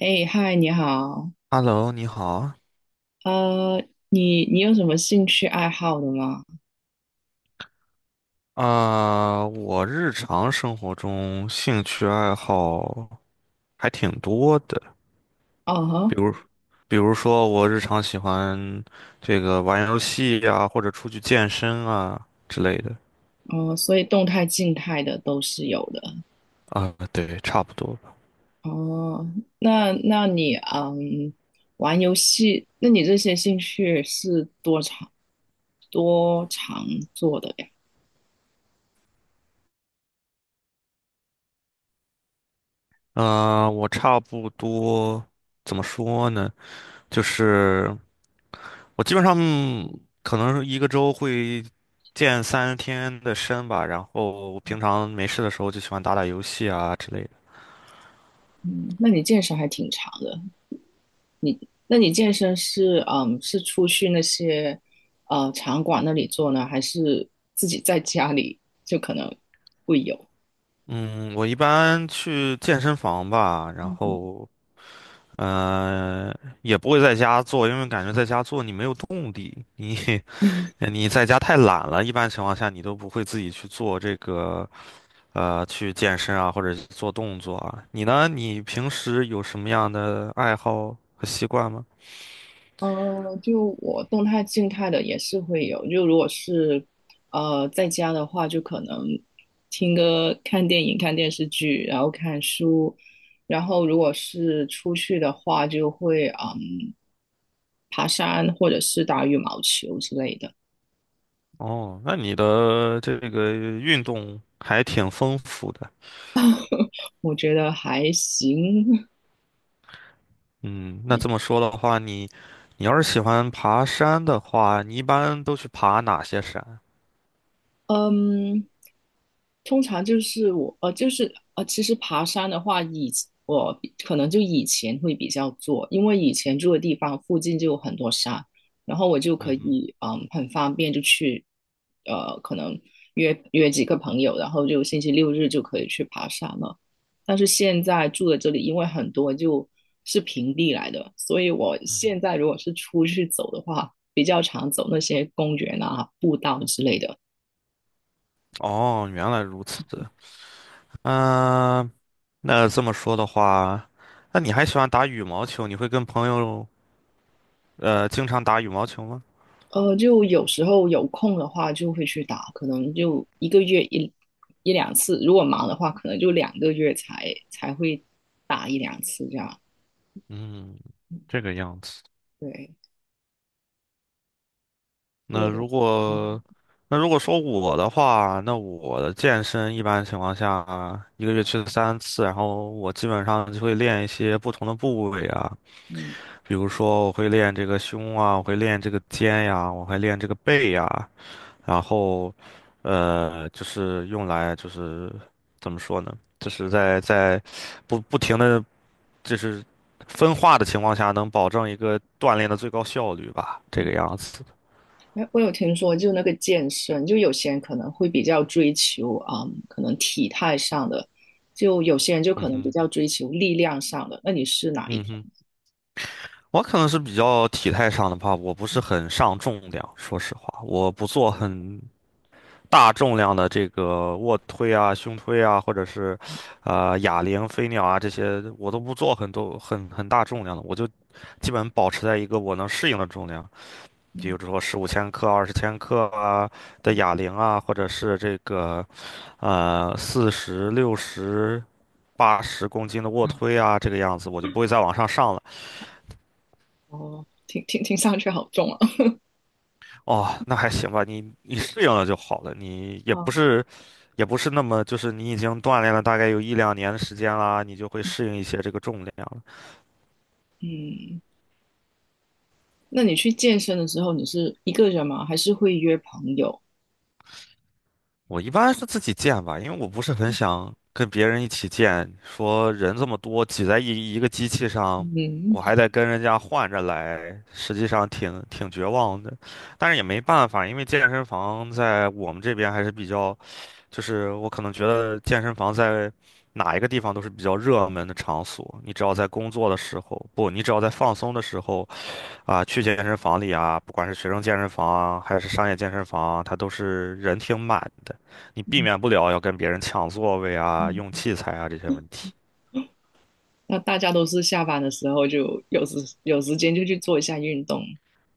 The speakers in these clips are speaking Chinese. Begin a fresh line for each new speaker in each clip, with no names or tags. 哎，嗨，你好，
Hello，你好。
呃，你有什么兴趣爱好的吗？
啊、我日常生活中兴趣爱好还挺多的，
哦
比
哈。
如，比如说我日常喜欢这个玩游戏呀、或者出去健身啊之类的。
哦，所以动态、静态的都是有的。
啊、对，差不多吧。
哦，那那你玩游戏，那你这些兴趣是多长做的呀？
我差不多怎么说呢？就是我基本上可能一个周会健3天的身吧，然后我平常没事的时候就喜欢打打游戏啊之类的。
嗯，那你健身还挺长的。你那你健身是出去那些场馆那里做呢，还是自己在家里就可能会有？
嗯，我一般去健身房吧，然后呃也不会在家做，因为感觉在家做你没有动力，你 你在家太懒了，一般情况下你都不会自己去做这个去健身啊或者做动作啊。你呢？你平时有什么样的爱好和习惯吗？
就我动态、静态的也是会有。就如果是在家的话，就可能听歌、看电影、看电视剧，然后看书。然后如果是出去的话，就会爬山或者是打羽毛球之类的。
哦，那你的这个运动还挺丰富的。
我觉得还行。
嗯，那这么说的话，你要是喜欢爬山的话，你一般都去爬哪些山？
嗯，通常就是其实爬山的话，以我比可能就以前会比较做，因为以前住的地方附近就有很多山，然后我就
嗯
可
哼，
以很方便就去，可能约几个朋友，然后就星期六日就可以去爬山了。但是现在住的这里，因为很多就是平地来的，所以我
嗯哼，
现在如果是出去走的话，比较常走那些公园啊、步道之类的。
哦，原来如此。嗯、那这么说的话，那你还喜欢打羽毛球？你会跟朋友经常打羽毛球吗？
呃，就有时候有空的话就会去打，可能就一个月一两次，如果忙的话，可能就两个月才会打一两次这样。
嗯，这个样子。
对，就
那如
嗯
果那如果说我的话，那我的健身一般情况下一个月去3次，然后我基本上就会练一些不同的部位啊。
嗯，
比如说，我会练这个胸啊，我会练这个肩呀，我会练这个背呀，然后，就是用来就是怎么说呢？就是在不停的就是分化的情况下，能保证一个锻炼的最高效率吧，这个样子。
哎，我有听说，就那个健身，就有些人可能会比较追求啊、可能体态上的，就有些人就
嗯
可能比
哼，
较追求力量上的。那你是哪一
嗯
种？
哼，我可能是比较体态上的吧，我不是很上重量，说实话，我不做很大重量的这个卧推啊、胸推啊，或者是，哑铃、飞鸟啊这些，我都不做很多很大重量的，我就基本保持在一个我能适应的重量，比
嗯。
如说15千克、20千克啊的哑铃啊，或者是这个40、60、80公斤的卧推啊，这个样子，我就不会再往上上了。
哦，听上去好重啊。
哦，那还行吧，你适应了就好了，你 也不
啊，
是，那么，就是你已经锻炼了大概有一两年的时间啦，你就会适应一些这个重量了。
嗯。那你去健身的时候，你是一个人吗？还是会约朋友？
我一般是自己健吧，因为我不是很想跟别人一起健，说人这么多挤在一个机器上，
嗯，
我还得跟人家换着来，实际上挺绝望的。但是也没办法，因为健身房在我们这边还是比较。就是我可能觉得健身房在哪一个地方都是比较热门的场所。你只要在工作的时候，不，你只要在放松的时候啊，去健身房里啊，不管是学生健身房啊，还是商业健身房啊，它都是人挺满的。你避免不了要跟别人抢座位啊、用器材啊这些问题。
那大家都是下班的时候就有时间就去做一下运动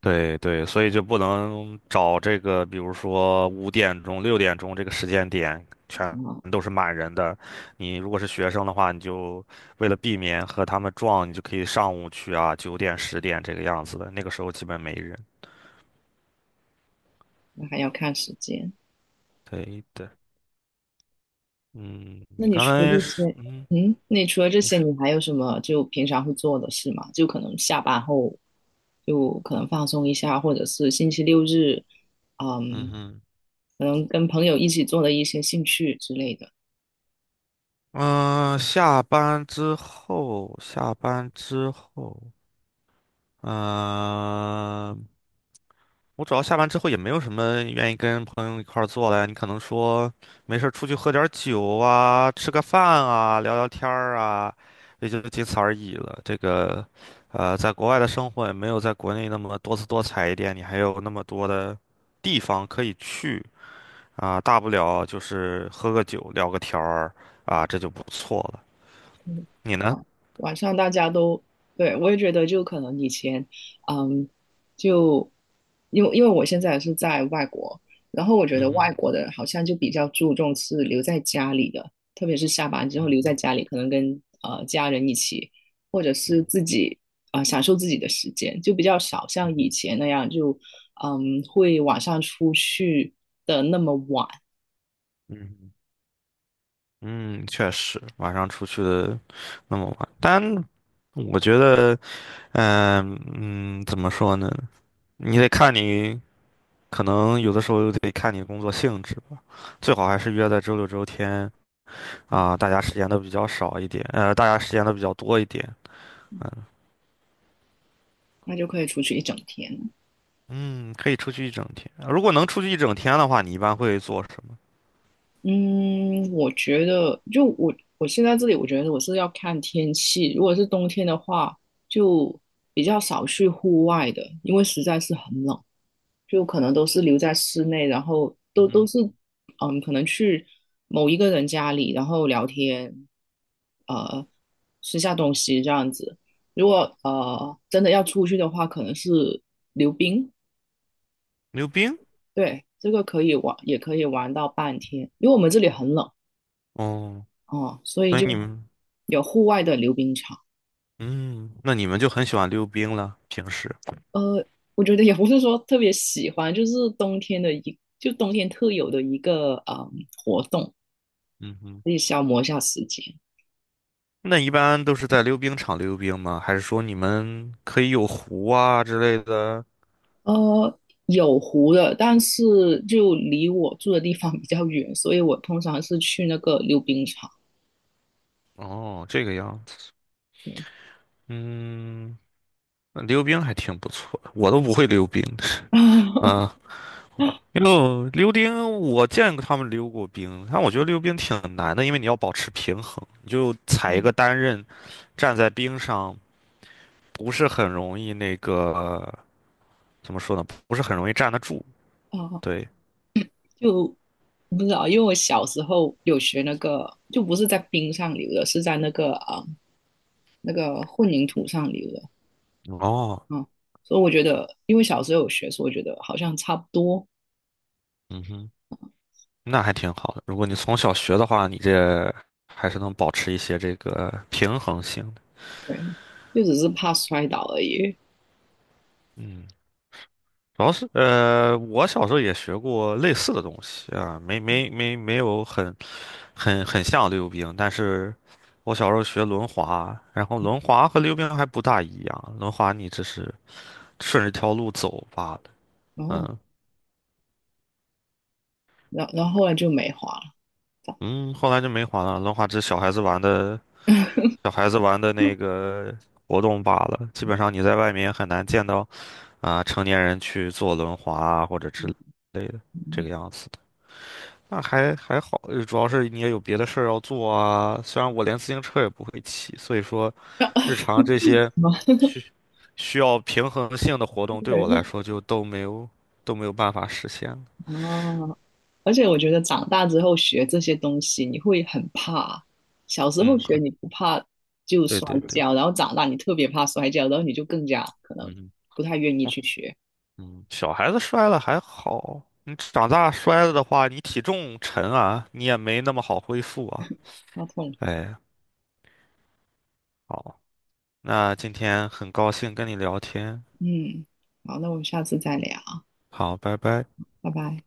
对对，所以就不能找这个，比如说5点钟、6点钟这个时间点，全
啊，
都是满人的。你如果是学生的话，你就为了避免和他们撞，你就可以上午去啊，9点、10点这个样子的。那个时候基本没人。
那还要看时间。
对的，嗯，
那
你
你
刚
除了
才
这
是，
些，
嗯，你是，
你还有什么就平常会做的事吗？就可能下班后就可能放松一下，或者是星期六日，
嗯
嗯，
哼，
可能跟朋友一起做的一些兴趣之类的。
嗯、下班之后，嗯、我主要下班之后也没有什么愿意跟朋友一块儿做的呀，你可能说没事儿出去喝点儿酒啊，吃个饭啊，聊聊天儿啊，也就仅此而已了。这个，在国外的生活也没有在国内那么多姿多彩一点，你还有那么多的地方可以去啊，大不了就是喝个酒，聊个天儿啊，这就不错了。你呢？
晚上大家都，对，我也觉得就可能以前，嗯，就因为我现在也是在外国，然后我觉
嗯
得
哼，
外国的好像就比较注重是留在家里的，特别是下班之后
嗯
留在
哼，
家里，可能跟家人一起，或者
嗯
是
哼，
自己啊、享受自己的时间，就比较少
嗯
像以
哼，
前那样就会晚上出去的那么晚，
嗯哼。嗯，确实，晚上出去的那么晚，但我觉得，嗯嗯，怎么说呢？你得看你，可能有的时候又得看你工作性质吧。最好还是约在周六周天啊，大家时间都比较少一点，大家时间都比较多一点。嗯，
那就可以出去一整天。
嗯可以出去一整天。如果能出去一整天的话，你一般会做什么？
嗯，我觉得就我现在这里，我觉得我是要看天气。如果是冬天的话，就比较少去户外的，因为实在是很冷，就可能都是留在室内，然后
嗯
都
哼，
是嗯，可能去某一个人家里，然后聊天，呃，吃下东西这样子。如果真的要出去的话，可能是溜冰，
溜冰？
对，这个可以玩，也可以玩到半天，因为我们这里很冷。
哦，
哦，所以
所以
就
你们，
有户外的溜冰场。
嗯，那你们就很喜欢溜冰了，平时。
呃，我觉得也不是说特别喜欢，就是冬天特有的一个活动，
嗯哼。
可以消磨一下时间。
那一般都是在溜冰场溜冰吗？还是说你们可以有湖啊之类的？
呃，有湖的，但是就离我住的地方比较远，所以我通常是去那个溜冰场。
哦，这个样子，
对。
嗯，那溜冰还挺不错的，我都不会溜冰 啊。溜冰，我见过他们溜过冰，但我觉得溜冰挺难的，因为你要保持平衡，你就踩一个
嗯
单刃，站在冰上不是很容易那个，怎么说呢？不是很容易站得住。
啊，
对，
就不知道，因为我小时候有学那个，就不是在冰上溜的，是在那个那个混凝土上溜的。
哦，
嗯，所以我觉得，因为小时候有学，所以我觉得好像差不多，
嗯哼。那还挺好的。如果你从小学的话，你这还是能保持一些这个平衡性的。
对，就只是怕摔倒而已。
嗯，主要是我小时候也学过类似的东西啊，没有很像溜冰，但是我小时候学轮滑，然后轮滑和溜冰还不大一样，轮滑你只是顺着一条路走罢了。
然后，
嗯
然后后来就没滑了，这
嗯，后来就没滑了，轮滑只是小孩子玩的那个活动罢了，基本上你在外面也很难见到。啊，成年人去坐轮滑啊或者之类的，这个样子的。那还好，主要是你也有别的事儿要做啊。虽然我连自行车也不会骑，所以说
样。
日常这些 需需要平衡性的活动对我来
对，
说就都没有办法实现了。
啊，而且我觉得长大之后学这些东西，你会很怕。小时候
嗯，
学
哼
你不怕就
对
摔
对对，
跤，然后长大你特别怕摔跤，然后你就更加可能
嗯，
不太愿意
哦，
去学，
嗯，小孩子摔了还好，你长大摔了的话，你体重沉啊，你也没那么好恢复啊。
怕痛。
哎，好。那今天很高兴跟你聊天，
嗯，好，那我们下次再聊，
好，拜拜。
拜拜。